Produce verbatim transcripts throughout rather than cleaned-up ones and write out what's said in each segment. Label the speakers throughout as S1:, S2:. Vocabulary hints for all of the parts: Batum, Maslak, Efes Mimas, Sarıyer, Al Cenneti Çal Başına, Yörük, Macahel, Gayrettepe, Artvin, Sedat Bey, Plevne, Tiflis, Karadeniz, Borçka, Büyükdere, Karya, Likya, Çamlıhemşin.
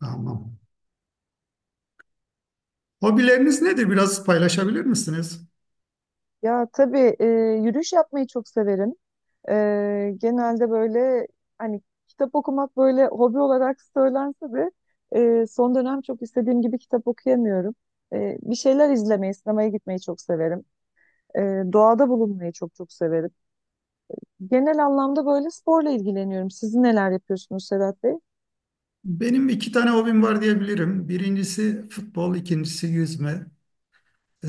S1: Tamam. Hobileriniz nedir? Biraz paylaşabilir misiniz?
S2: Ya tabii e, Yürüyüş yapmayı çok severim. E, genelde böyle hani kitap okumak böyle hobi olarak söylense de e, son dönem çok istediğim gibi kitap okuyamıyorum. E, bir şeyler izlemeyi, sinemaya gitmeyi çok severim. E, doğada bulunmayı çok çok severim. Genel anlamda böyle sporla ilgileniyorum. Siz neler yapıyorsunuz Sedat Bey?
S1: Benim iki tane hobim var diyebilirim. Birincisi futbol, ikincisi yüzme. Ee,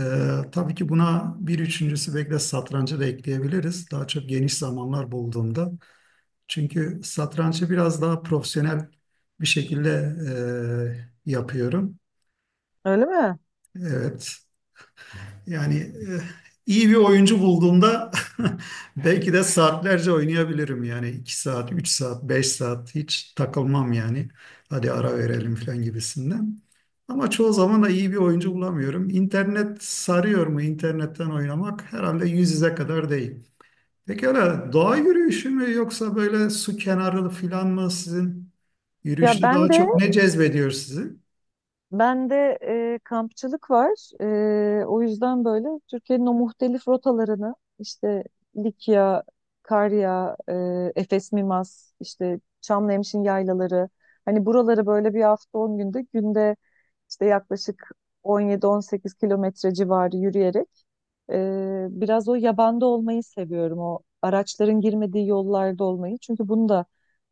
S1: tabii ki buna bir üçüncüsü belki de satrancı da ekleyebiliriz. Daha çok geniş zamanlar bulduğumda. Çünkü satrancı biraz daha profesyonel bir şekilde e, yapıyorum.
S2: Öyle mi?
S1: Evet. Yani eh, iyi bir oyuncu bulduğumda belki de saatlerce oynayabilirim. Yani iki saat, üç saat, beş saat hiç takılmam yani. Hadi ara verelim falan gibisinden. Ama çoğu zaman da iyi bir oyuncu bulamıyorum. İnternet sarıyor mu? İnternetten oynamak herhalde yüz yüze kadar değil. Peki öyle doğa yürüyüşü mü yoksa böyle su kenarı falan mı sizin
S2: Ya
S1: yürüyüşte
S2: ben
S1: daha
S2: de
S1: çok ne cezbediyor sizi?
S2: Bende e, kampçılık var. E, o yüzden böyle Türkiye'nin o muhtelif rotalarını işte Likya, Karya, e, Efes Mimas, işte Çamlıhemşin yaylaları. Hani buraları böyle bir hafta on günde günde işte yaklaşık on yedi on sekiz kilometre civarı yürüyerek e, biraz o yabanda olmayı seviyorum. O araçların girmediği yollarda olmayı. Çünkü bunu da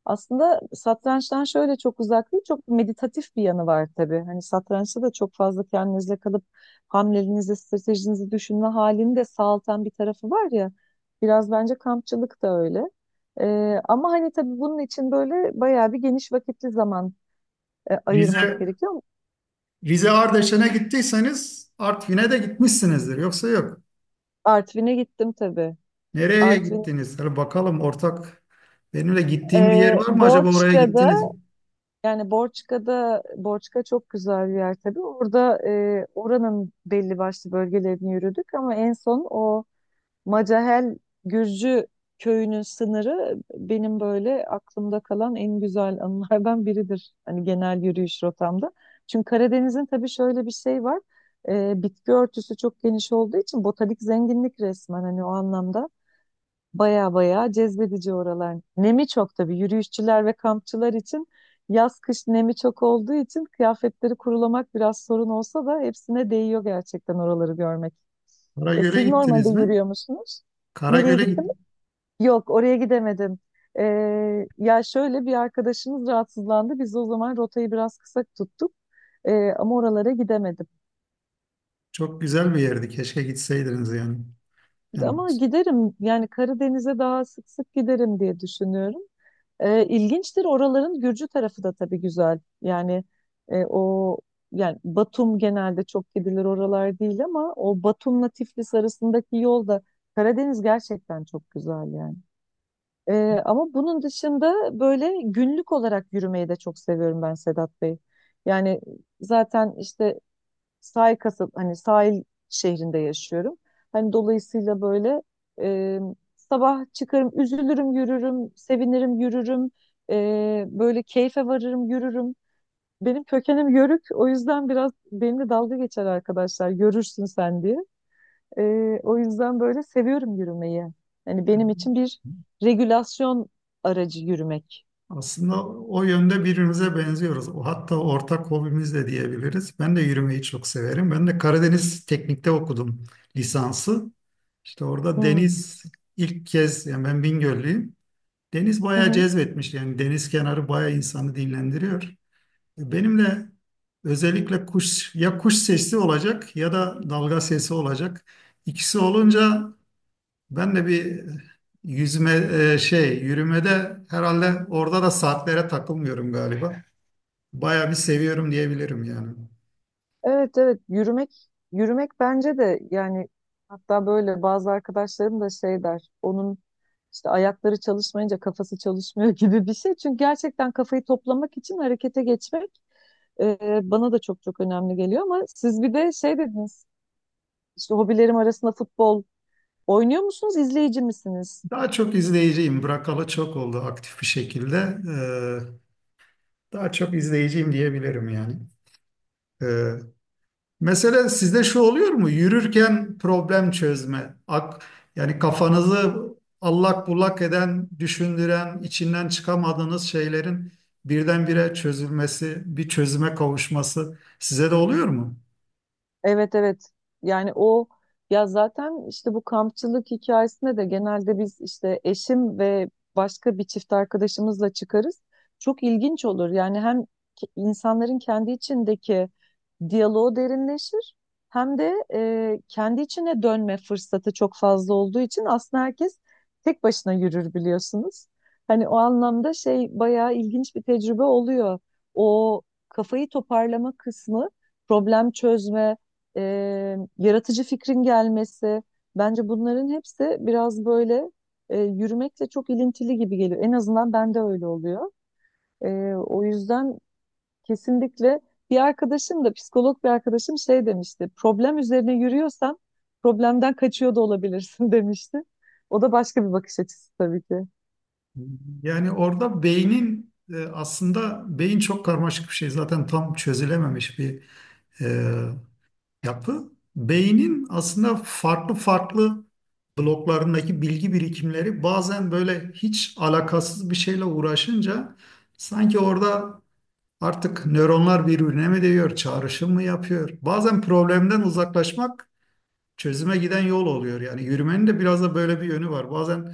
S2: aslında satrançtan şöyle çok uzak değil, çok meditatif bir yanı var tabii. Hani satrançta da çok fazla kendinizle kalıp hamlelerinizi, stratejinizi düşünme halini de sağaltan bir tarafı var ya. Biraz bence kampçılık da öyle. Ee, ama hani tabii bunun için böyle bayağı bir geniş vakitli zaman e, ayırmak
S1: Rize
S2: gerekiyor.
S1: Rize Ardeşen'e gittiyseniz Artvin'e de gitmişsinizdir. Yoksa yok.
S2: Artvin'e gittim tabii.
S1: Nereye
S2: Artvin,
S1: gittiniz? Hadi bakalım ortak. Benimle gittiğim bir yer
S2: e,
S1: var mı acaba oraya
S2: Borçka'da.
S1: gittiniz mi?
S2: Yani Borçka'da, Borçka çok güzel bir yer tabii. Orada e, oranın belli başlı bölgelerini yürüdük ama en son o Macahel Gürcü köyünün sınırı benim böyle aklımda kalan en güzel anılardan biridir. Hani genel yürüyüş rotamda. Çünkü Karadeniz'in tabii şöyle bir şey var. E, bitki örtüsü çok geniş olduğu için botanik zenginlik resmen hani o anlamda. Baya baya cezbedici oralar. Nemi çok tabii yürüyüşçüler ve kampçılar için yaz kış nemi çok olduğu için kıyafetleri kurulamak biraz sorun olsa da hepsine değiyor gerçekten oraları görmek. E,
S1: Karagöl'e
S2: siz normalde
S1: gittiniz mi?
S2: yürüyor musunuz?
S1: Karagöl'e
S2: Nereye gittiniz?
S1: git.
S2: Yok, oraya gidemedim. E, ya şöyle bir arkadaşımız rahatsızlandı. Biz o zaman rotayı biraz kısa tuttuk. E, ama oralara gidemedim.
S1: Çok güzel bir yerdi. Keşke gitseydiniz yani. Yani
S2: Ama giderim, yani Karadeniz'e daha sık sık giderim diye düşünüyorum. E, ilginçtir. Oraların Gürcü tarafı da tabii güzel. Yani e, o yani Batum genelde çok gidilir oralar değil ama o Batum'la Tiflis arasındaki yol da Karadeniz gerçekten çok güzel yani. E, ama bunun dışında böyle günlük olarak yürümeyi de çok seviyorum ben Sedat Bey. Yani zaten işte sahil kasab hani sahil şehrinde yaşıyorum. Hani dolayısıyla böyle e, sabah çıkarım, üzülürüm, yürürüm, sevinirim, yürürüm. E, böyle keyfe varırım, yürürüm. Benim kökenim Yörük. O yüzden biraz benimle dalga geçer arkadaşlar. Görürsün sen diye. E, o yüzden böyle seviyorum yürümeyi. hani benim için bir regülasyon aracı yürümek.
S1: aslında o yönde birbirimize benziyoruz. O hatta ortak hobimiz de diyebiliriz. Ben de yürümeyi çok severim. Ben de Karadeniz Teknik'te okudum lisansı. İşte orada
S2: Hmm.
S1: deniz ilk kez yani ben Bingöllüyüm. Deniz
S2: Hı
S1: bayağı
S2: hı.
S1: cezbetmiş yani deniz kenarı bayağı insanı dinlendiriyor. Benim de özellikle kuş ya kuş sesi olacak ya da dalga sesi olacak. İkisi olunca ben de bir yüzme e, şey yürümede herhalde orada da saatlere takılmıyorum galiba. Bayağı bir seviyorum diyebilirim yani.
S2: Evet, evet, yürümek yürümek bence de, yani hatta böyle bazı arkadaşlarım da şey der onun işte ayakları çalışmayınca kafası çalışmıyor gibi bir şey. Çünkü gerçekten kafayı toplamak için harekete geçmek e, bana da çok çok önemli geliyor ama siz bir de şey dediniz, işte hobilerim arasında futbol oynuyor musunuz, izleyici misiniz?
S1: Daha çok izleyiciyim. Bırakalı çok oldu aktif bir şekilde. Ee, daha çok izleyiciyim diyebilirim yani. Ee, Mesela sizde şu oluyor mu? Yürürken problem çözme. Ak, yani kafanızı allak bullak eden, düşündüren, içinden çıkamadığınız şeylerin birdenbire çözülmesi, bir çözüme kavuşması size de oluyor mu?
S2: Evet, evet, yani o, ya zaten işte bu kampçılık hikayesinde de genelde biz işte eşim ve başka bir çift arkadaşımızla çıkarız. Çok ilginç olur yani, hem ki- insanların kendi içindeki diyaloğu derinleşir hem de e, kendi içine dönme fırsatı çok fazla olduğu için aslında herkes tek başına yürür biliyorsunuz. Hani o anlamda şey bayağı ilginç bir tecrübe oluyor. O kafayı toparlama kısmı, problem çözme, e, yaratıcı fikrin gelmesi. Bence bunların hepsi biraz böyle e, yürümekle çok ilintili gibi geliyor. En azından bende öyle oluyor. E, o yüzden kesinlikle bir arkadaşım da, psikolog bir arkadaşım şey demişti. Problem üzerine yürüyorsan problemden kaçıyor da olabilirsin demişti. O da başka bir bakış açısı tabii ki.
S1: Yani orada beynin e, aslında beyin çok karmaşık bir şey. Zaten tam çözülememiş bir e, yapı beynin aslında farklı farklı bloklarındaki bilgi birikimleri bazen böyle hiç alakasız bir şeyle uğraşınca sanki orada artık nöronlar birbirine mi değiyor, çağrışım mı yapıyor? Bazen problemden uzaklaşmak çözüme giden yol oluyor. Yani yürümenin de biraz da böyle bir yönü var. Bazen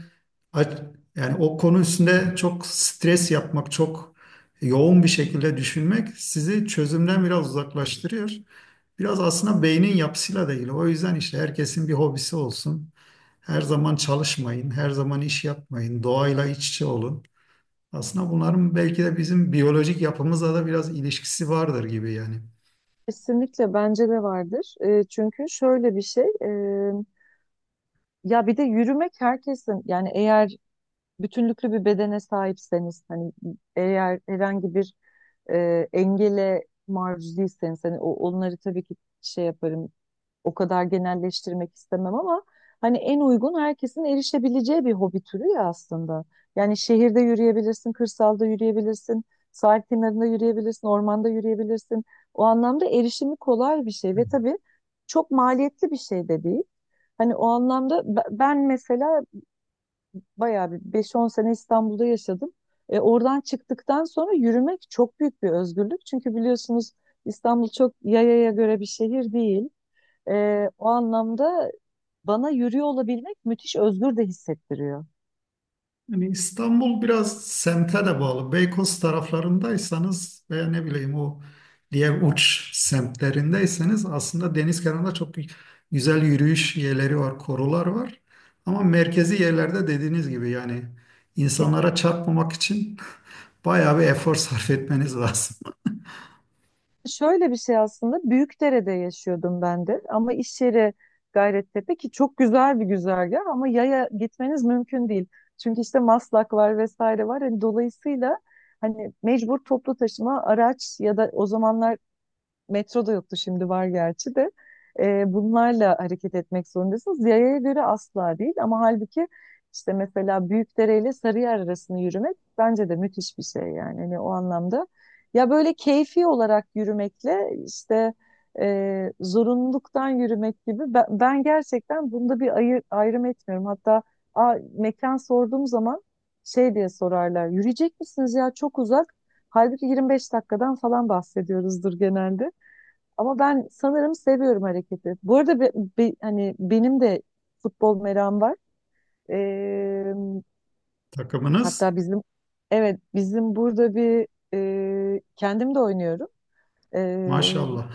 S1: aç- yani o konu üstünde çok stres yapmak, çok yoğun bir şekilde düşünmek sizi çözümden biraz uzaklaştırıyor. Biraz aslında beynin yapısıyla da ilgili. O yüzden işte herkesin bir hobisi olsun. Her zaman çalışmayın, her zaman iş yapmayın, doğayla iç içe olun. Aslında bunların belki de bizim biyolojik yapımızla da biraz ilişkisi vardır gibi yani.
S2: Kesinlikle bence de vardır. E, çünkü şöyle bir şey, e, ya bir de yürümek herkesin, yani eğer bütünlüklü bir bedene sahipseniz, hani eğer herhangi bir e, engele maruz değilseniz, hani o, onları tabii ki şey yaparım, o kadar genelleştirmek istemem ama hani en uygun, herkesin erişebileceği bir hobi türü ya aslında. Yani şehirde yürüyebilirsin, kırsalda yürüyebilirsin, sahil kenarında yürüyebilirsin, ormanda yürüyebilirsin. O anlamda erişimi kolay bir şey ve tabii çok maliyetli bir şey de değil. Hani o anlamda be- ben mesela bayağı bir beş on sene İstanbul'da yaşadım. E, oradan çıktıktan sonra yürümek çok büyük bir özgürlük. Çünkü biliyorsunuz İstanbul çok yayaya göre bir şehir değil. E, o anlamda bana yürüyor olabilmek müthiş özgür de hissettiriyor.
S1: Yani İstanbul biraz semte de bağlı. Beykoz taraflarındaysanız veya ne bileyim o diğer uç semtlerindeyseniz aslında deniz kenarında çok güzel yürüyüş yerleri var, korular var. Ama merkezi yerlerde dediğiniz gibi yani insanlara çarpmamak için bayağı bir efor sarf etmeniz lazım.
S2: Şöyle bir şey, aslında Büyükdere'de yaşıyordum ben de ama iş yeri Gayrettepe, ki çok güzel bir güzergah ama yaya gitmeniz mümkün değil. Çünkü işte Maslak var vesaire var. Hani dolayısıyla hani mecbur toplu taşıma araç, ya da o zamanlar Metro da yoktu, şimdi var gerçi de. Ee, bunlarla hareket etmek zorundasınız. Yayaya göre asla değil ama halbuki işte mesela Büyükdere ile Sarıyer arasını yürümek bence de müthiş bir şey yani. Hani o anlamda ya böyle keyfi olarak yürümekle işte e, zorunluluktan yürümek gibi, ben, ben gerçekten bunda bir ayır, ayrım etmiyorum. Hatta a, mekan sorduğum zaman şey diye sorarlar. Yürüyecek misiniz ya, çok uzak. Halbuki yirmi beş dakikadan falan bahsediyoruzdur genelde. Ama ben sanırım seviyorum hareketi. Bu arada be- be- hani benim de futbol merakım var. Ee,
S1: Takımınız
S2: hatta bizim, evet, bizim burada bir e, kendim de oynuyorum. Ee,
S1: maşallah.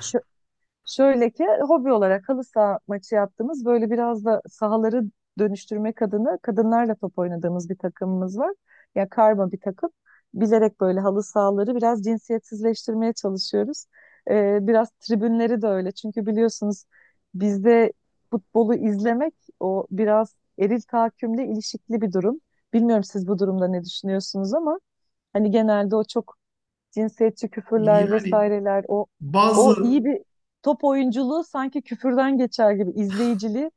S2: Şöyle ki, hobi olarak halı saha maçı yaptığımız, böyle biraz da sahaları dönüştürmek adına kadınlarla top oynadığımız bir takımımız var. Ya, karma bir takım. Bilerek böyle halı sahaları biraz cinsiyetsizleştirmeye çalışıyoruz. Ee, biraz tribünleri de öyle. Çünkü biliyorsunuz bizde futbolu izlemek o biraz eril tahakkümle ilişikli bir durum. Bilmiyorum siz bu durumda ne düşünüyorsunuz ama hani genelde o çok cinsiyetçi küfürler
S1: Yani
S2: vesaireler, o o
S1: bazı,
S2: iyi bir top oyunculuğu sanki küfürden geçer gibi, izleyiciliği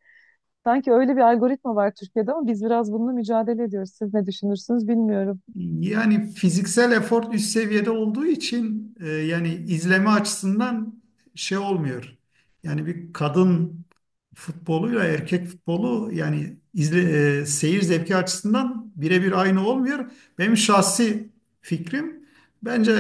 S2: sanki öyle bir algoritma var Türkiye'de ama biz biraz bununla mücadele ediyoruz. Siz ne düşünürsünüz bilmiyorum.
S1: yani fiziksel efor üst seviyede olduğu için e, yani izleme açısından şey olmuyor. Yani bir kadın futboluyla erkek futbolu yani izle, e, seyir zevki açısından birebir aynı olmuyor. Benim şahsi fikrim bence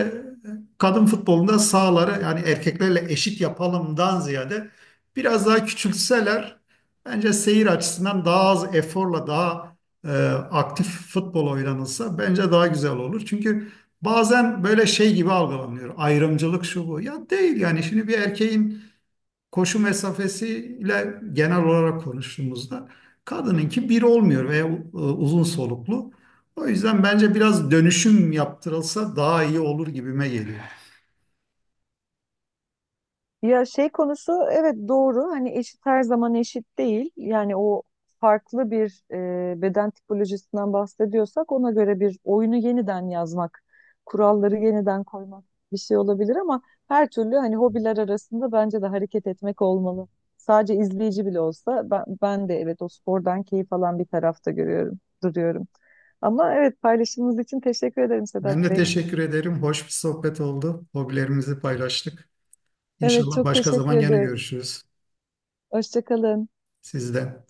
S1: e, kadın futbolunda sahaları yani erkeklerle eşit yapalımdan ziyade biraz daha küçültseler bence seyir açısından daha az eforla daha e, aktif futbol oynanılsa bence daha güzel olur. Çünkü bazen böyle şey gibi algılanıyor. Ayrımcılık şu bu. Ya değil yani şimdi bir erkeğin koşu mesafesiyle genel olarak konuştuğumuzda kadınınki bir olmuyor veya e, uzun soluklu. O yüzden bence biraz dönüşüm yaptırılsa daha iyi olur gibime geliyor.
S2: Ya, şey konusu, evet, doğru, hani eşit her zaman eşit değil yani o, farklı bir e, beden tipolojisinden bahsediyorsak ona göre bir oyunu yeniden yazmak, kuralları yeniden koymak bir şey olabilir ama her türlü hani hobiler arasında bence de hareket etmek olmalı. Sadece izleyici bile olsa, ben, ben de evet o spordan keyif alan bir tarafta görüyorum, duruyorum. Ama evet, paylaşımınız için teşekkür ederim
S1: Ben
S2: Sedat
S1: de
S2: Bey.
S1: teşekkür ederim. Hoş bir sohbet oldu. Hobilerimizi paylaştık.
S2: Evet,
S1: İnşallah
S2: çok
S1: başka
S2: teşekkür
S1: zaman gene
S2: ediyorum.
S1: görüşürüz
S2: Hoşça kalın.
S1: sizden.